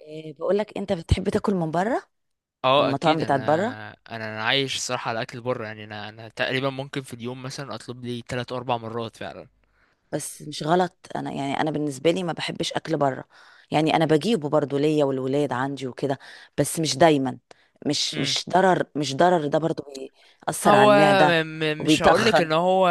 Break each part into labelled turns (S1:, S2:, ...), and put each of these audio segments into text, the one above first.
S1: إيه بقول لك، انت بتحب تاكل من بره، من
S2: اه اكيد
S1: المطاعم
S2: انا.
S1: بتاعت بره.
S2: انا عايش صراحه على اكل بره يعني. انا تقريبا ممكن في اليوم مثلا اطلب لي 3 اربع مرات فعلا.
S1: بس مش غلط، انا يعني انا بالنسبه لي ما بحبش اكل بره. يعني انا بجيبه برضو ليا والولاد عندي وكده، بس مش دايما. مش
S2: امم
S1: مش ضرر، ده برضو بيأثر على
S2: هو م
S1: المعده
S2: م مش هقولك ان
S1: وبيتخن.
S2: هو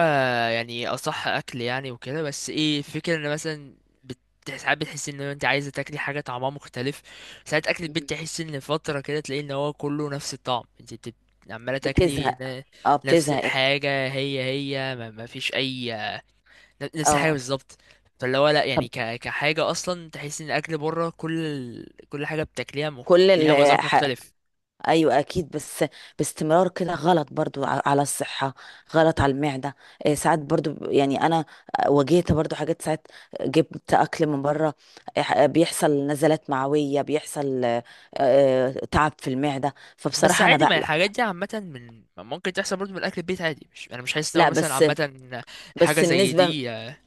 S2: يعني اصح اكل يعني وكده، بس ايه الفكره؟ ان مثلا ساعات بتحس ان انت عايزه تاكلي حاجه طعمها مختلف. ساعات اكل البيت
S1: مم.
S2: تحس ان فتره كده تلاقي ان هو كله نفس الطعم. انت عماله تاكلي
S1: بتزهق، اه
S2: نفس
S1: بتزهق انت.
S2: الحاجه هي، ما فيش اي. نفس الحاجه
S1: اه،
S2: بالظبط. فاللي هو لا
S1: طب،
S2: يعني، كحاجه اصلا تحس ان الاكل بره، كل كل حاجه بتاكليها
S1: كل
S2: ليها
S1: ال-
S2: مذاق
S1: ح-
S2: مختلف.
S1: ايوه اكيد، بس باستمرار كده غلط برضو على الصحه، غلط على المعده. إيه ساعات برضو يعني انا واجهت برضو حاجات، ساعات جبت اكل من بره. إيه بيحصل نزلات معويه، بيحصل تعب في المعده،
S2: بس
S1: فبصراحه انا
S2: عادي، ما
S1: بقلق.
S2: الحاجات دي عامه من ممكن تحصل برضه من الاكل البيت عادي. مش انا مش حاسس ان هو
S1: لا
S2: مثلا
S1: بس،
S2: عامه حاجه زي
S1: النسبه،
S2: دي آه.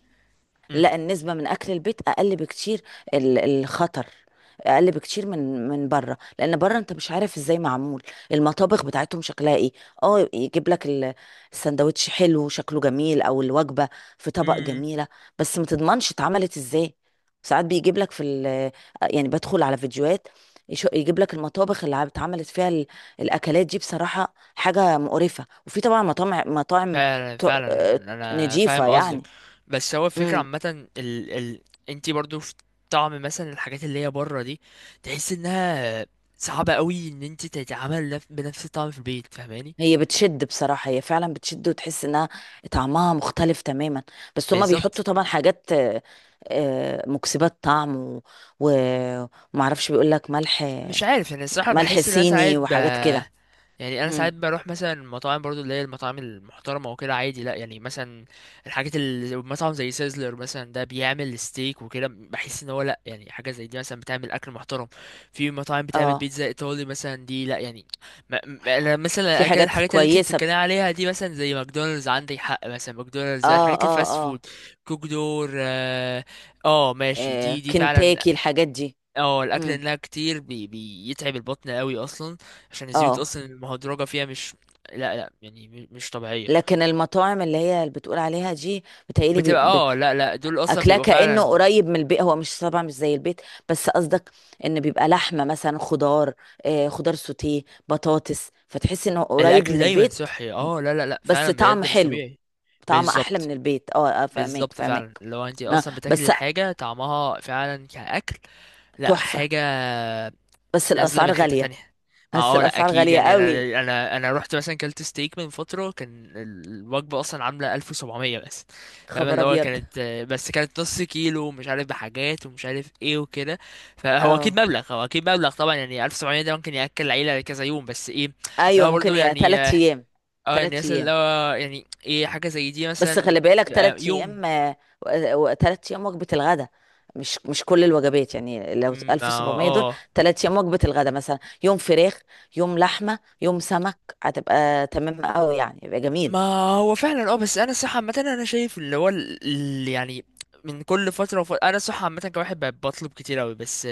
S2: مم.
S1: لا، النسبة من أكل البيت أقل بكتير. الخطر أقل بكتير من بره، لأن بره أنت مش عارف إزاي معمول. المطابخ بتاعتهم شكلها إيه؟ يجيب لك السندوتش، حلو شكله جميل، أو الوجبة في طبق
S2: مم.
S1: جميلة، بس ما تضمنش اتعملت إزاي. ساعات بيجيب لك في ال، يعني بدخل على فيديوهات، يجيب لك المطابخ اللي اتعملت فيها الأكلات دي، بصراحة حاجة مقرفة. وفي طبعا مطاعم مطاعم
S2: فعلا
S1: ت-
S2: فعلا،
S1: آه،
S2: انا
S1: نضيفة
S2: فاهم قصدك.
S1: يعني.
S2: بس هو الفكره
S1: امم.
S2: عامه، انتي برضه في طعم مثلا الحاجات اللي هي بره دي، تحس انها صعبة قوي ان انت تتعامل بنفس الطعم في البيت، فاهماني؟
S1: هي بتشد، بصراحة هي فعلا بتشد، وتحس انها طعمها مختلف تماما، بس هما
S2: بالظبط.
S1: بيحطوا طبعا حاجات مكسبات طعم، ومعرفش، بيقول لك ملح،
S2: مش عارف يعني الصراحة،
S1: ملح
S2: بحس ان انا ساعات
S1: صيني وحاجات كده.
S2: يعني انا ساعات
S1: مم.
S2: بروح مثلا المطاعم برضو اللي هي المطاعم المحترمة وكده، عادي لا يعني. مثلا الحاجات اللي مطعم زي سيزلر مثلا، ده بيعمل ستيك وكده، بحس ان هو لا يعني، حاجة زي دي مثلا بتعمل اكل محترم. في مطاعم بتعمل
S1: اه،
S2: بيتزا ايطالي مثلا، دي لا يعني. انا مثلا
S1: في
S2: اكل
S1: حاجات
S2: الحاجات اللي انت
S1: كويسة
S2: بتتكلم عليها دي مثلا زي ماكدونالدز، عندك حق. مثلا ماكدونالدز بقى،
S1: اه
S2: الحاجات
S1: اه
S2: الفاست
S1: اه،
S2: فود، كوك دور، اه آه ماشي، دي دي فعلا
S1: كنتاكي الحاجات دي.
S2: اه. الاكل
S1: مم.
S2: انها كتير بيتعب البطن قوي اصلا عشان الزيوت
S1: اه
S2: اصلا المهدرجه فيها، مش لا لا يعني مش طبيعيه.
S1: لكن المطاعم اللي هي اللي بتقول عليها دي بتهيألي
S2: بتبقى اه لا لا، دول اصلا
S1: اكلاه
S2: بيبقوا
S1: كانه
S2: فعلا
S1: قريب من البيت، هو مش، طبعا مش زي البيت، بس قصدك ان بيبقى لحمه مثلا، خضار، خضار سوتيه، بطاطس، فتحس انه قريب
S2: الاكل
S1: من
S2: دايما
S1: البيت.
S2: صحي. اه لا لا لا
S1: بس
S2: فعلا
S1: طعم
S2: بجد مش
S1: حلو،
S2: طبيعي.
S1: طعم احلى من
S2: بالظبط.
S1: البيت، اه، فاهمك
S2: بالظبط فعلا،
S1: فاهمك
S2: لو انت اصلا بتاكلي
S1: بس
S2: الحاجه طعمها فعلا كاكل، لا
S1: تحفه،
S2: حاجه
S1: بس
S2: نازله
S1: الاسعار
S2: من حته
S1: غاليه،
S2: تانية. ما
S1: بس
S2: هو لا
S1: الاسعار
S2: اكيد
S1: غاليه
S2: يعني،
S1: قوي،
S2: انا انا رحت مثلا كلت ستيك من فتره، كان الوجبه اصلا عامله 1700 بس. فاهم
S1: خبر
S2: اللي هو
S1: ابيض.
S2: كانت، بس كانت نص كيلو مش عارف بحاجات ومش عارف ايه وكده. فهو
S1: اه
S2: اكيد مبلغ، هو اكيد مبلغ طبعا، يعني 1700 ده ممكن ياكل العيله كذا يوم. بس ايه،
S1: ايوه،
S2: لو برضو
S1: ممكن يا
S2: يعني،
S1: ثلاث ايام،
S2: اه يعني
S1: ثلاث
S2: مثلا
S1: ايام.
S2: لو، يعني ايه حاجه زي دي
S1: بس خلي
S2: مثلا
S1: بالك،
S2: يبقى
S1: تلات
S2: يوم.
S1: ايام تلات ايام وجبة الغداء، مش كل الوجبات يعني، لو
S2: أمم،
S1: 1700 دول
S2: اه
S1: تلات ايام وجبة الغداء، مثلا يوم فراخ، يوم لحمة، يوم سمك، هتبقى تمام قوي يعني، يبقى جميل.
S2: ما هو فعلا اه. بس انا صح عامه انا شايف اللي هو يعني، من كل فتره وفترة انا صح عامه كواحد بطلب كتير قوي بس آه،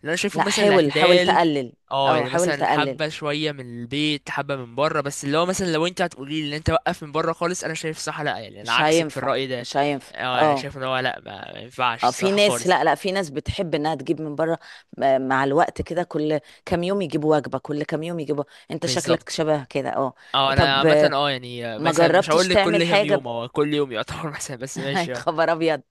S2: اللي انا شايفه
S1: لا،
S2: مثلا
S1: حاول
S2: الاعتدال.
S1: تقلل.
S2: اه
S1: اه
S2: يعني
S1: حاول
S2: مثلا
S1: تقلل،
S2: حبه شويه من البيت، حبه من بره، بس اللي هو مثلا لو انت هتقولي لي ان انت وقف من بره خالص، انا شايف صح لا يعني، انا
S1: مش
S2: عكسك في
S1: هينفع
S2: الراي ده.
S1: مش هينفع
S2: اه انا
S1: اه.
S2: شايف ان هو لا، ما ينفعش
S1: اه في
S2: الصراحه
S1: ناس،
S2: خالص.
S1: لا لا، في ناس بتحب انها تجيب من بره، مع الوقت كده، كل كام يوم يجيبوا وجبة، كل كام يوم يجيبوا، انت شكلك
S2: بالظبط.
S1: شبه كده، اه.
S2: اه انا
S1: طب
S2: عامه اه يعني آه،
S1: ما
S2: مثلا مش
S1: جربتش
S2: هقول لك كل
S1: تعمل
S2: كام
S1: حاجة؟
S2: يوم، هو كل يوم يعتبر مثلا، بس
S1: يا
S2: ماشي اه.
S1: خبر ابيض،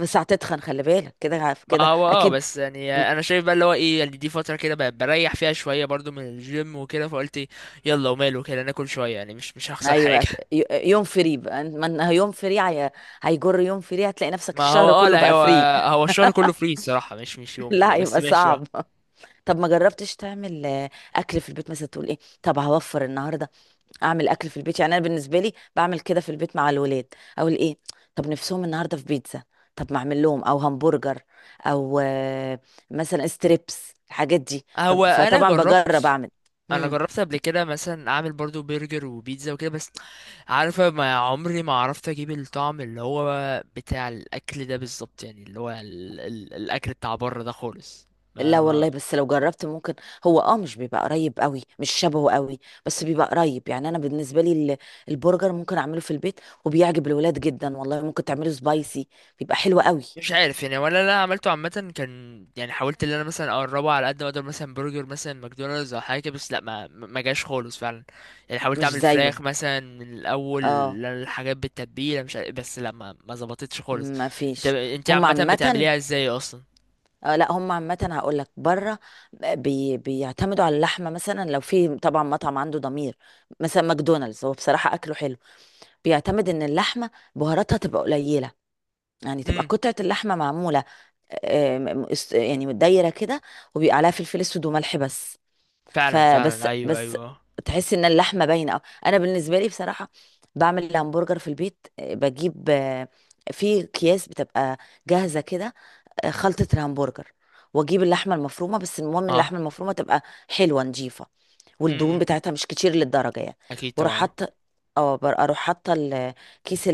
S1: بس هتتخن، خلي بالك كده، عارف
S2: ما
S1: كده
S2: هو اه،
S1: اكيد.
S2: بس يعني
S1: انت،
S2: انا شايف بقى اللي هو ايه يعني، دي فتره كده بقى بريح فيها شويه برضو من الجيم وكده، فقلت إيه، يلا وماله كده ناكل شويه، يعني مش هخسر
S1: ايوه
S2: حاجه
S1: يوم فري بقى، ما إنها يوم فري هي، هيجر يوم فري، هتلاقي نفسك
S2: ما هو
S1: الشهر
S2: اه
S1: كله
S2: لا،
S1: بقى
S2: هو
S1: فري.
S2: هو الشهر كله فري الصراحه، مش يوم
S1: لا
S2: يعني، بس
S1: هيبقى
S2: ماشي اه.
S1: صعب. طب ما جربتش تعمل اكل في البيت مثلا؟ تقول ايه، طب هوفر النهارده، اعمل اكل في البيت. يعني انا بالنسبه لي بعمل كده في البيت مع الولاد، اقول ايه، طب نفسهم النهارده في بيتزا، طب ما اعمل لهم، او همبرجر، او مثلا ستريبس الحاجات دي،
S2: هو انا
S1: فطبعا بجرب
S2: جربت
S1: اعمل.
S2: انا جربت قبل كده مثلا اعمل برضو برجر وبيتزا وكده، بس عارفه ما عمري ما عرفت اجيب الطعم اللي هو بتاع الاكل ده بالظبط. يعني اللي هو ال ال الاكل بتاع بره ده خالص. ما
S1: لا
S2: ما
S1: والله، بس لو جربت ممكن، هو اه مش بيبقى قريب قوي، مش شبهه قوي، بس بيبقى قريب. يعني انا بالنسبه لي، البرجر ممكن اعمله في البيت، وبيعجب الولاد جدا والله، ممكن تعمله سبايسي، بيبقى حلو قوي.
S2: مش عارف يعني، ولا انا عملته عامه، كان يعني حاولت ان انا مثلا اقربه على قد ما اقدر، مثلا برجر مثلا ماكدونالدز او حاجه كده، بس لا ما جاش خالص فعلا. يعني حاولت
S1: مش
S2: اعمل
S1: زيه،
S2: فراخ مثلا من الاول
S1: اه.
S2: الحاجات بالتتبيله، مش عارف، بس لا ما ظبطتش خالص.
S1: ما
S2: انت
S1: فيش.
S2: انت
S1: هم
S2: عامه
S1: عامه،
S2: بتعمليها ازاي اصلا؟
S1: لا هم عامه هقول لك، بره بي بيعتمدوا على اللحمه، مثلا لو في طبعا مطعم عنده ضمير، مثلا ماكدونالدز، هو بصراحه اكله حلو، بيعتمد ان اللحمه بهاراتها تبقى قليله، يعني تبقى
S2: امم،
S1: قطعه اللحمه معموله، يعني متدايره كده، وبيبقى عليها فلفل اسود وملح بس.
S2: فعلا
S1: فبس
S2: فعلا، ايوه
S1: بس
S2: ايوه،
S1: تحس ان اللحمه باينه أوي. انا بالنسبه لي بصراحه بعمل الهمبرجر في البيت، بجيب في اكياس بتبقى جاهزه كده، خلطه الهمبرجر، واجيب اللحمه المفرومه، بس المهم
S2: اه
S1: اللحمه المفرومه تبقى حلوه نظيفه، والدهون
S2: امم،
S1: بتاعتها مش كتير للدرجه يعني.
S2: اكيد
S1: واروح
S2: طبعا اه.
S1: حاطه، اه اروح حاطه كيس،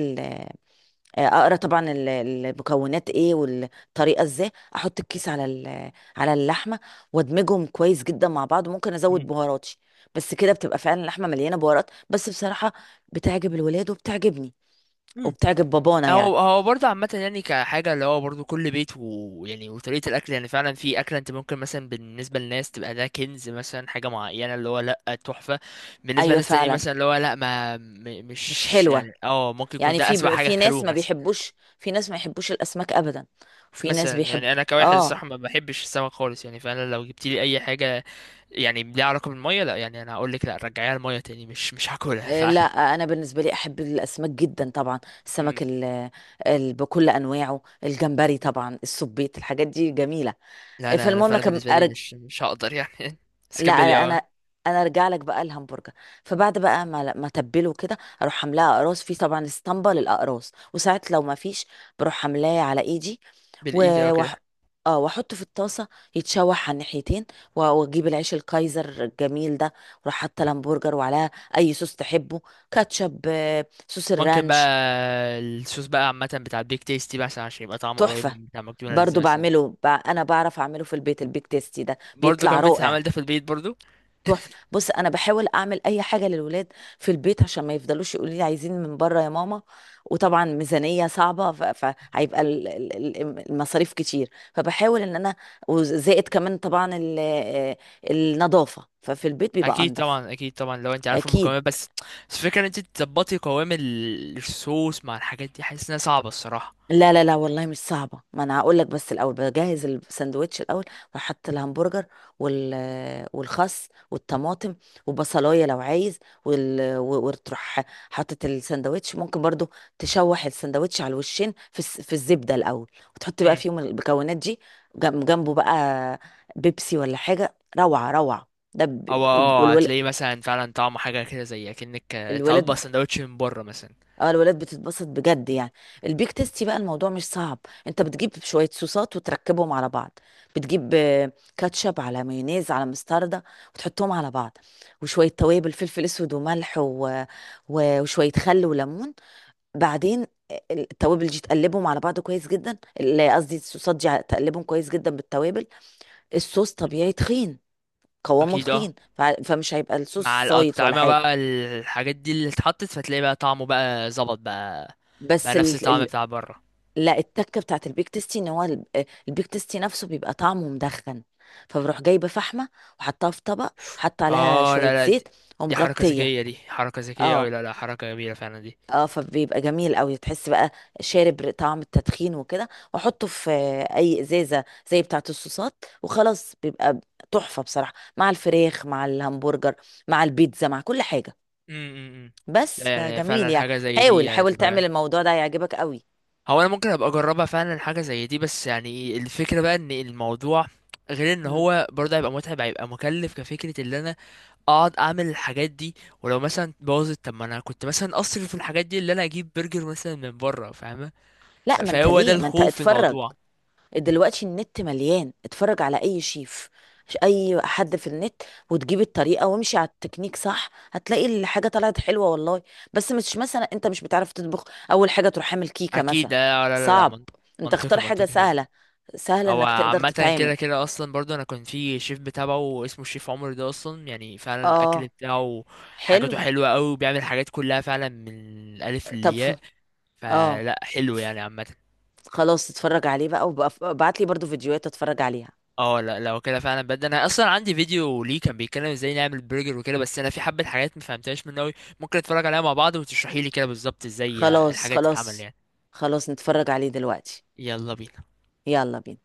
S1: اقرا طبعا المكونات ايه والطريقه ازاي، احط الكيس على على اللحمه، وادمجهم كويس جدا مع بعض، وممكن ازود بهاراتي، بس كده بتبقى فعلا اللحمه مليانه بهارات، بس بصراحه بتعجب الولاد وبتعجبني،
S2: مم.
S1: وبتعجب بابانا يعني.
S2: هو برضه عامة يعني، كحاجة اللي هو برضه كل بيت ويعني وطريقة الأكل، يعني فعلا في أكلة أنت ممكن مثلا بالنسبة للناس تبقى ده كنز، مثلا حاجة معينة اللي هو لأ تحفة. بالنسبة
S1: ايوه
S2: للناس تانيين
S1: فعلا،
S2: مثلا اللي هو لأ، ما
S1: مش
S2: مش
S1: حلوه،
S2: يعني اه، ممكن يكون
S1: يعني
S2: ده أسوأ حاجة
S1: في ناس
S2: كلوه
S1: ما
S2: مثلا.
S1: بيحبوش، في ناس ما يحبوش الاسماك ابدا، وفي ناس
S2: مثلا
S1: بيحب.
S2: يعني أنا كواحد
S1: اه،
S2: الصراحة، ما بحبش السمك خالص يعني، فعلا لو جبت لي أي حاجة يعني ليها علاقة بالمية، لأ يعني أنا هقول لك لأ، رجعيها المية تاني، مش هاكلها
S1: لا
S2: فعلا.
S1: انا بالنسبه لي احب الاسماك جدا طبعا،
S2: مم.
S1: السمك ال، ال بكل انواعه، الجمبري طبعا، السبيط، الحاجات دي جميله.
S2: لا لا أنا
S1: فالمهم
S2: فعلا
S1: كم
S2: بالنسبة لي
S1: أرج،
S2: مش هقدر يعني بس
S1: لا،
S2: كملي اه.
S1: انا انا ارجع لك بقى الهمبرجر. فبعد بقى ما تبله كده، اروح عاملاه اقراص، في طبعا اسطمبه للاقراص، وساعات لو ما فيش بروح عاملاه على ايدي،
S2: بالإيد اه
S1: و وح...
S2: كده.
S1: اه واحطه في الطاسه، يتشوح على الناحيتين، واجيب العيش الكايزر الجميل ده، واروح حاطه الهمبرجر، وعليها اي صوص تحبه، كاتشب، صوص
S2: ممكن بقى
S1: الرانش،
S2: الصوص بقى عامة بتاع البيك تيستي بقى، عشان يبقى طعمه قريب
S1: تحفه.
S2: من بتاع ماكدونالدز
S1: برضو
S2: مثلا.
S1: بعمله انا بعرف اعمله في البيت، البيك تيستي ده
S2: برضه
S1: بيطلع
S2: كمان بتتعمل
S1: رائع.
S2: ده في البيت برضه؟
S1: تحفة، بص انا بحاول اعمل اي حاجة للولاد في البيت عشان ما يفضلوش يقولوا لي عايزين من بره يا ماما، وطبعا ميزانية صعبة، فهيبقى المصاريف كتير، فبحاول ان انا، وزائد كمان طبعا النظافة، ففي البيت بيبقى
S2: اكيد
S1: انضف،
S2: طبعا، اكيد طبعا لو انت عارف
S1: اكيد.
S2: المكونات. بس الفكره ان انت تظبطي قوام الصوص مع الحاجات دي، حاسس انها صعبه الصراحه.
S1: لا لا لا والله مش صعبة، ما انا هقول لك، بس الاول بجهز الساندوتش الاول، بحط الهمبرجر وال والخس والطماطم، وبصلاية لو عايز، وتروح حاطط الساندوتش، ممكن برضو تشوح الساندوتش على الوشين في الزبدة الاول، وتحط بقى
S2: امم.
S1: فيهم المكونات دي. جنبه بقى بيبسي ولا حاجة، روعة، ده ب...
S2: هو اه هتلاقي مثلا فعلا طعمه حاجه كده، زي اكنك طالبه
S1: الولاد،
S2: سندوتش من بره مثلا.
S1: اه الولاد بتتبسط بجد يعني. البيك تيستي بقى الموضوع مش صعب، انت بتجيب شويه صوصات وتركبهم على بعض، بتجيب كاتشب على مايونيز على مستردة، وتحطهم على بعض، وشويه توابل فلفل اسود وملح، وشويه خل وليمون. بعدين التوابل دي تقلبهم على بعض كويس جدا، قصدي الصوصات دي تقلبهم كويس جدا بالتوابل، الصوص
S2: مم.
S1: طبيعي تخين، قوامه
S2: اكيد اه،
S1: تخين، فمش هيبقى
S2: مع
S1: الصوص صايت ولا
S2: الأطعمة
S1: حاجه.
S2: بقى الحاجات دي اللي اتحطت، فتلاقي بقى طعمه بقى ظبط بقى، بقى
S1: بس
S2: نفس الطعم بتاع بره.
S1: لا، التكه بتاعت البيك تيستي ان هو البيك تيستي نفسه بيبقى طعمه مدخن، فبروح جايبه فحمه، وحطها في طبق، حط عليها
S2: اه لا
S1: شويه
S2: لا، دي,
S1: زيت،
S2: دي حركة
S1: ومغطيه.
S2: ذكية، دي حركة ذكية
S1: اه
S2: اوي، لا لا حركة جميلة فعلا دي.
S1: اه، فبيبقى جميل قوي، تحس بقى شارب طعم التدخين وكده، واحطه في اي ازازه زي بتاعت الصوصات، وخلاص بيبقى تحفه بصراحه، مع الفراخ، مع الهمبرجر، مع البيتزا، مع كل حاجه.
S2: امم،
S1: بس
S2: لا يعني
S1: فجميل
S2: فعلا
S1: يعني.
S2: حاجة زي دي
S1: حاول
S2: يعني
S1: حاول تعمل
S2: تبقى.
S1: الموضوع ده، هيعجبك قوي.
S2: هو انا ممكن ابقى اجربها فعلا حاجة زي دي، بس يعني إيه، الفكرة بقى ان الموضوع غير ان
S1: مم.
S2: هو برضه هيبقى متعب، هيبقى مكلف كفكرة ان انا اقعد اعمل الحاجات دي، ولو مثلا باظت، طب ما انا كنت مثلا اصرف في الحاجات دي اللي انا اجيب برجر مثلا من بره، فاهمة؟
S1: لا ما انت
S2: فهو ده
S1: ليه، ما انت
S2: الخوف في
S1: اتفرج
S2: الموضوع.
S1: دلوقتي، النت مليان، اتفرج على اي شيف، اي حد في النت، وتجيب الطريقه، وامشي على التكنيك صح، هتلاقي الحاجه طلعت حلوه والله. بس مش مثلا انت مش بتعرف تطبخ، اول حاجه تروح عامل كيكه
S2: اكيد
S1: مثلا،
S2: آه، لا لا لا
S1: صعب، انت اختار
S2: منطقي
S1: حاجه
S2: منطقي فعلا.
S1: سهله، سهله
S2: هو
S1: انك تقدر
S2: عامة
S1: تتعامل،
S2: كده كده أصلا برضو، أنا كنت في شيف بتابعه اسمه الشيف عمر ده، أصلا يعني فعلا الأكل
S1: اه
S2: بتاعه حاجاته
S1: حلو.
S2: حلوة أوي، وبيعمل حاجات كلها فعلا من الألف
S1: طب
S2: للياء،
S1: اه،
S2: فلا حلو يعني عامة.
S1: خلاص اتفرج عليه بقى، وابعت لي برضو فيديوهات اتفرج عليها.
S2: اه لا لو كده فعلا بجد، أنا أصلا عندي فيديو ليه كان بيتكلم ازاي نعمل برجر وكده، بس أنا في حبة حاجات مفهمتهاش منه أوي، ممكن نتفرج عليها مع بعض وتشرحيلي كده بالظبط ازاي
S1: خلاص،
S2: الحاجات تتعمل
S1: خلاص،
S2: يعني.
S1: خلاص نتفرج عليه دلوقتي،
S2: يلا بينا.
S1: يلا بينا.